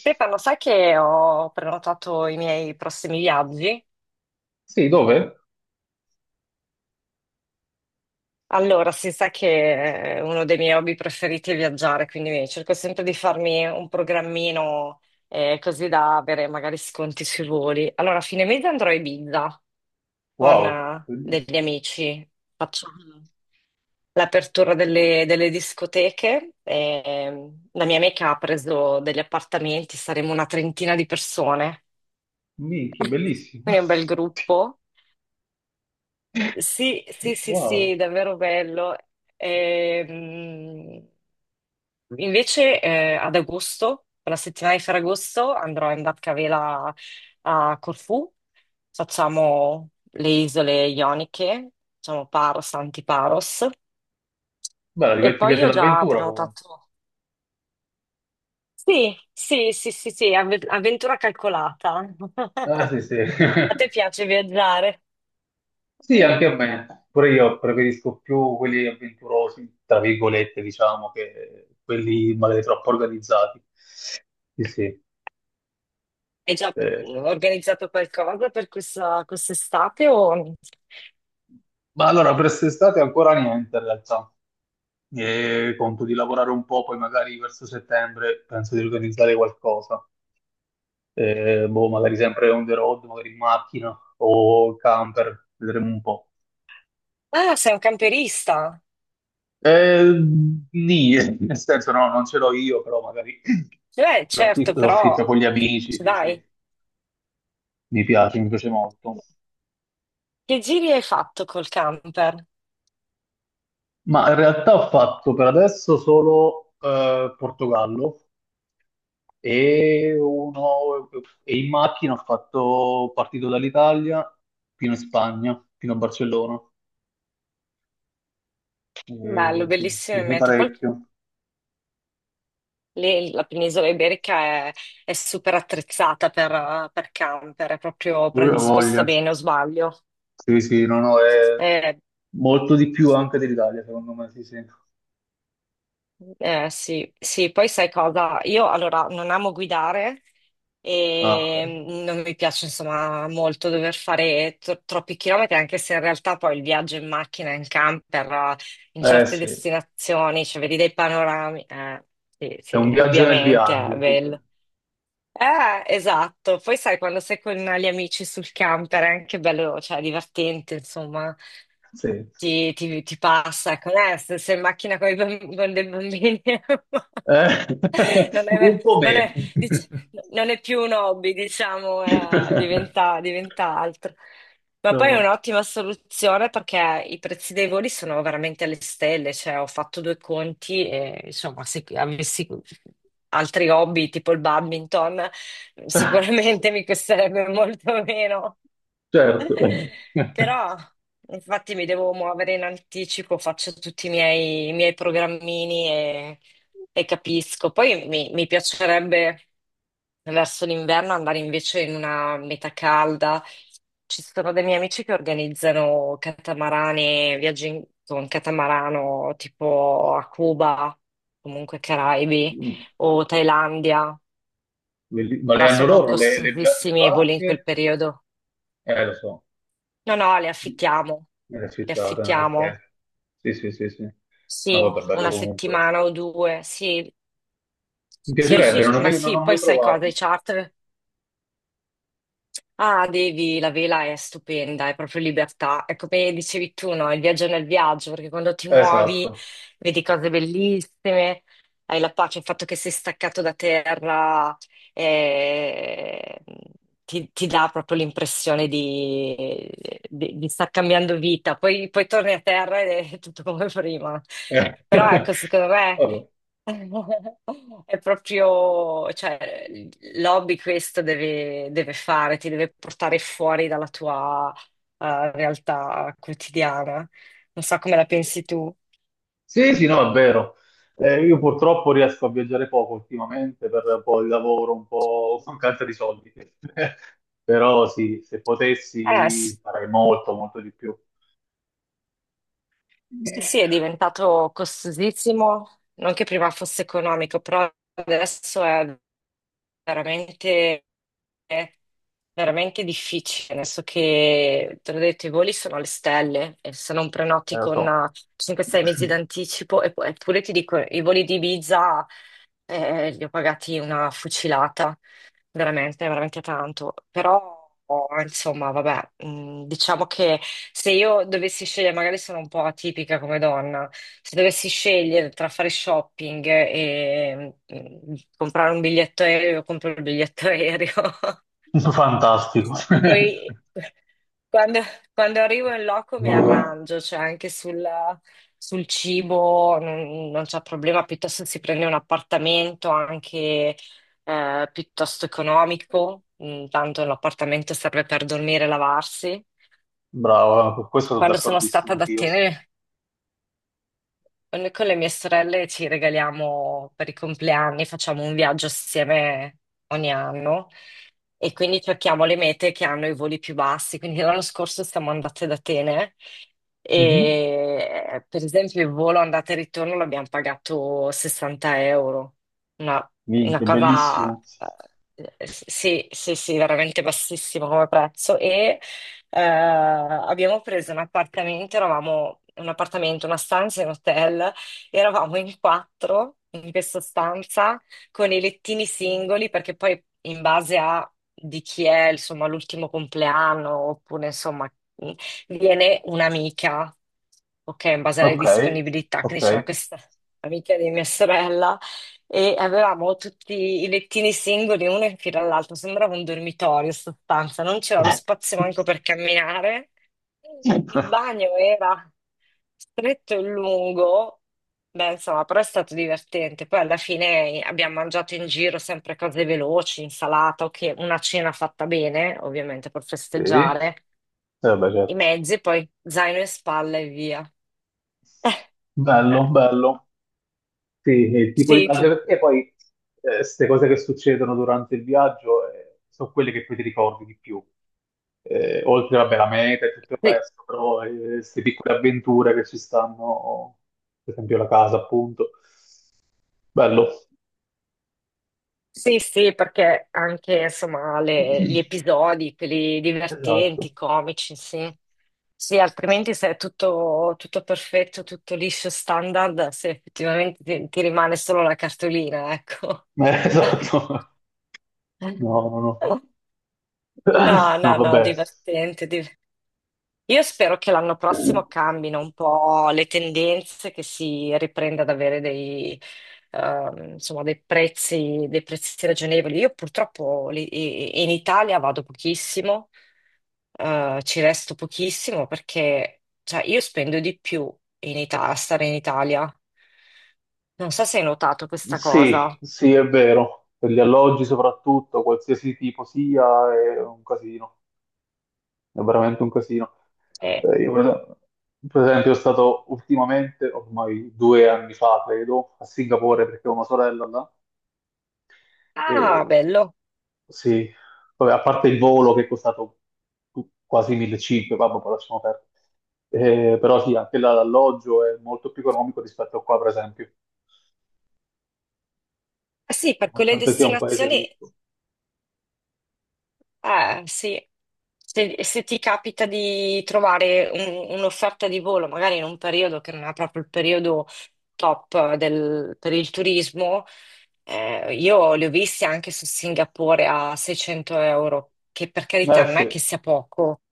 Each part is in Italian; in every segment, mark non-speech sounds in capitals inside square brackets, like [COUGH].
Stefano, sai che ho prenotato i miei prossimi viaggi? Sì, dove? Allora, si sa che uno dei miei hobby preferiti è viaggiare, quindi cerco sempre di farmi un programmino così da avere magari sconti sui voli. Allora, a fine mese andrò a Ibiza con Wow, bellissimo. degli amici. Faccio l'apertura delle discoteche. E la mia amica ha preso degli appartamenti, saremo una trentina di persone. [LAUGHS] Minchia, Quindi bellissimo. è un [LAUGHS] bel gruppo. Sì, sì, sì, Wow. sì, davvero bello. Ehm, Invece ad agosto, per la settimana di Ferragosto, andrò in barcavela a Corfù. Facciamo le isole ioniche, facciamo Paros, Antiparos. Beh, E ti poi piace io ho già l'avventura comunque. prenotato. Sì, sì, sì, sì, sì, avventura calcolata. [LAUGHS] Ah, sì, sì. A [LAUGHS] te piace viaggiare? Sì, anche a me. Pure io preferisco più quelli avventurosi, tra virgolette, diciamo, che quelli magari troppo organizzati. Sì, sì. Hai già Eh, organizzato qualcosa per questa quest'estate o... Ma allora, per quest'estate ancora niente, in realtà. E conto di lavorare un po', poi magari verso settembre penso di organizzare qualcosa. Boh, magari sempre on the road, magari in macchina o camper, vedremo un po'. Ah, sei un camperista? Eh, Nì, [LAUGHS] nel senso no, non ce l'ho io, però magari Beh, certo, l'affitto, però l'affitto con gli amici, ci sì, dai. sì, mi piace molto. Che giri hai fatto col camper? Ma in realtà ho fatto per adesso solo Portogallo e, uno, e in macchina ho fatto partito dall'Italia fino in Spagna, fino a Barcellona. Bello, Sì, mi bellissime piace mete. Poi parecchio. lì la penisola iberica è, è super attrezzata per camper, è proprio Ho predisposta voglia. bene, o sbaglio? Sì, sì, no, no, è Eh, molto di più anche dell'Italia, secondo me, sì, sì. Eh, sì, sì, poi sai cosa? Io allora non amo guidare Ah, e ok. Non mi piace insomma molto dover fare troppi chilometri, anche se in realtà poi il viaggio in macchina, in camper, in Eh certe sì, destinazioni, cioè vedi dei panorami, sì, è sì, un viaggio nel indubbiamente è viaggio, sì, sì. bello. Esatto. Poi sai, quando sei con gli amici sul camper è anche bello, cioè divertente, insomma, Sì. Ti passa. Ecco, se sei in macchina con i con dei bambini. [LAUGHS] Eh, [LAUGHS] Non [LAUGHS] è, un po' non meno. è- dice- No, non è più un hobby, diciamo, [LAUGHS] diventa altro. Ma poi è No. un'ottima soluzione perché i prezzi dei voli sono veramente alle stelle, cioè ho fatto due conti e insomma se avessi altri hobby tipo il badminton sicuramente mi costerebbe molto meno. Certo. Però, infatti, mi devo muovere in anticipo, faccio tutti i miei programmini e capisco. Poi mi piacerebbe verso l'inverno andare invece in una meta calda. Ci sono dei miei amici che organizzano catamarani, viaggi con catamarano tipo a Cuba, comunque Caraibi Mm. o Thailandia, Belli- Ma le però hanno sono loro le- ba- le costosissimi e voli in quel barche? periodo. Lo so, No, no, le affittiamo, nella le città, ok. affittiamo, Ok. Sì, sì, sì, sì. No, sì, vabbè, bello una comunque. settimana o due, sì, Mi sì, piacerebbe, sì, sì, non ho ma mai, non sì, ho poi mai sai cosa, provato. i charter. Ah, devi, la vela è stupenda, è proprio libertà. È come dicevi tu, no? Il viaggio nel viaggio, perché quando ti muovi Esatto. vedi cose bellissime, hai la pace, il fatto che sei staccato da terra eh, ti dà proprio l'impressione di star cambiando vita. Poi torni a terra ed è [LAUGHS] tutto come prima. Eh. [LAUGHS] Però ecco, secondo me. Vabbè. [LAUGHS] È proprio, cioè, l'hobby questo deve fare, ti deve portare fuori dalla tua, realtà quotidiana. Non so come la pensi tu. Sì, sì, no, è vero. Io purtroppo riesco a viaggiare poco ultimamente per un po' il lavoro, un po' [LAUGHS] mancanza di soldi. [LAUGHS] Però sì, se Sì. potessi farei molto, molto di più. Sì, Eh, sì, è diventato costosissimo, non che prima fosse economico, però adesso è veramente, veramente difficile. Adesso che, te l'ho detto, i voli sono alle stelle, e se non prenoti lo con so. 5-6 mesi d'anticipo, eppure ti dico, i voli di Ibiza li ho pagati una fucilata veramente, veramente tanto. Però, oh, insomma, vabbè, diciamo che se io dovessi scegliere, magari sono un po' atipica come donna, se dovessi scegliere tra fare shopping e comprare un biglietto aereo, compro il biglietto [LAUGHS] aereo. [LAUGHS] Fantastico. [LAUGHS] Poi quando, quando arrivo in loco mi arrangio, cioè anche sul cibo non c'è problema, piuttosto si prende un appartamento anche piuttosto economico. Mm, tanto l'appartamento serve per dormire e lavarsi. Bravo, su questo sono Quando sono stata d'accordissimo ad anch'io. Atene, noi con le mie sorelle ci regaliamo per i compleanni, facciamo un viaggio assieme ogni anno e quindi cerchiamo le mete che hanno i voli più bassi. Quindi l'anno scorso siamo andate ad Atene Mhm. e per esempio il volo andata e ritorno l'abbiamo pagato 60 euro, una, una Minchia, cosa bellissimo. Sì, sì, sì, veramente bassissima come prezzo e abbiamo preso un appartamento, eravamo una stanza in hotel, eravamo in quattro in questa stanza con i lettini singoli perché poi in base a di chi è, insomma, l'ultimo compleanno oppure insomma viene un'amica, ok, in base alle Ok, disponibilità, ok. quindi c'era questa amica di mia sorella e avevamo tutti i lettini singoli, uno in fila all'altro, sembrava un dormitorio in sostanza, non c'era lo spazio [LAUGHS] manco per camminare. Il bagno era stretto e lungo, beh, insomma, però è stato divertente. Poi alla fine abbiamo mangiato in giro sempre cose veloci, insalata, ok, una cena fatta bene, ovviamente per Sì, festeggiare, eh beh, i certo. mezzi, poi zaino in spalla e via. Eh, Bello, bello. Sì, sì, il tipo di… sì, Anche perché poi queste cose che succedono durante il viaggio sono quelle che poi ti ricordi di più. Oltre, vabbè, la meta e tutto il sì. resto, però queste piccole avventure che ci stanno, per esempio la casa, appunto. Bello. Sì, sì, perché anche insomma gli [CLEARS THROAT] episodi, quelli Esatto. divertenti, comici, sì. Sì, altrimenti se è tutto, tutto perfetto, tutto liscio, standard, se effettivamente ti rimane solo la cartolina, ecco. [LAUGHS] Esatto. No, no, no. [LAUGHS] No, [CLEARS THROAT] No, no, no, vabbè. divertente, divertente. Io spero che l'anno prossimo cambino un po' le tendenze, che si riprenda ad avere dei, insomma, dei prezzi ragionevoli. Io purtroppo in Italia vado pochissimo, ci resto pochissimo perché cioè, io spendo di più a stare in Italia. Non so se hai notato questa Sì, cosa. sì, è vero. Per gli alloggi soprattutto, qualsiasi tipo sia, è un casino. È veramente un casino. Eh, Io per esempio, sono stato ultimamente, ormai due anni fa, credo, a Singapore perché ho una sorella là. Ah, E bello. sì, vabbè, a parte il volo che è costato quasi 1500, vabbè, poi lasciamo perdere. Però sì, anche là l'alloggio è molto più economico rispetto a qua, per esempio, Eh, sì, per quelle nonostante sia un paese destinazioni ricco. eh, sì. Se, se ti capita di trovare un'offerta di volo, magari in un periodo che non è proprio il periodo top per il turismo, io li ho visti anche su Singapore a 600 euro, che per carità Eh non è sì. che sia poco,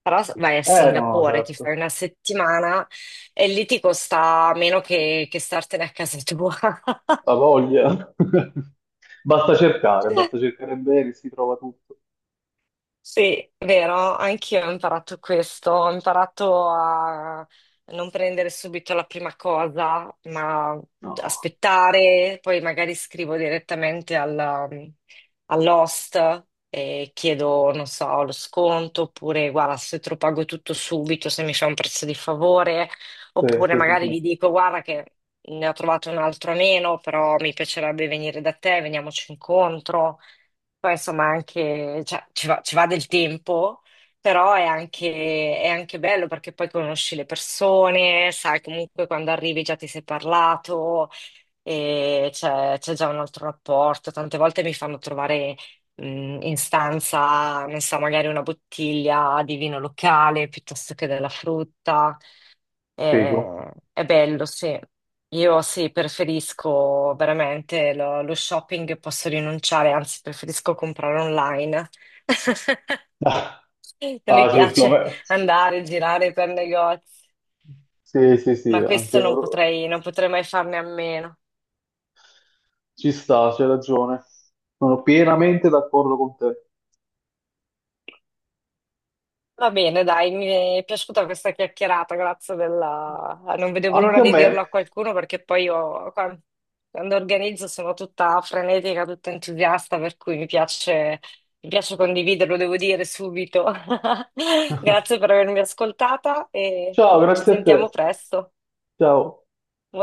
però vai a Eh no, Singapore, ti certo, fai una settimana e lì ti costa meno che startene a casa tua. la voglia. [LAUGHS] Basta [LAUGHS] cercare bene, si trova tutto. Sì, vero, anch'io ho imparato questo, ho imparato a non prendere subito la prima cosa, ma No, aspettare, poi magari scrivo direttamente all'host e chiedo, non so, lo sconto, oppure guarda, se te lo pago tutto subito, se mi fa un prezzo di favore, sì, oppure sì, sì, magari gli sì. dico, guarda che ne ho trovato un altro a meno, però mi piacerebbe venire da te, veniamoci incontro. Poi insomma anche, cioè, ci va del tempo, però è anche bello perché poi conosci le persone, sai comunque quando arrivi già ti sei parlato e c'è già un altro rapporto. Tante volte mi fanno trovare in stanza, non so, magari una bottiglia di vino locale piuttosto che della frutta. Figo. È bello, sì. Io sì, preferisco veramente lo shopping, posso rinunciare, anzi preferisco comprare online. [LAUGHS] Ah, Non mi ah, sì, piace ultimamente. andare, girare per negozi, Sì, sì, sì, ma anche questo non io- potrei, non potrei mai farne a meno. ci sta, c'è ragione. Sono pienamente d'accordo con te. Va bene, dai, mi è piaciuta questa chiacchierata, grazie della... Non vedevo l'ora Anche a di me. dirlo a qualcuno perché poi io quando organizzo sono tutta frenetica, tutta entusiasta, per cui mi piace condividerlo, devo dire subito. [LAUGHS] Grazie per [LAUGHS] avermi ascoltata e Ciao, ci grazie a sentiamo te. presto. Ciao.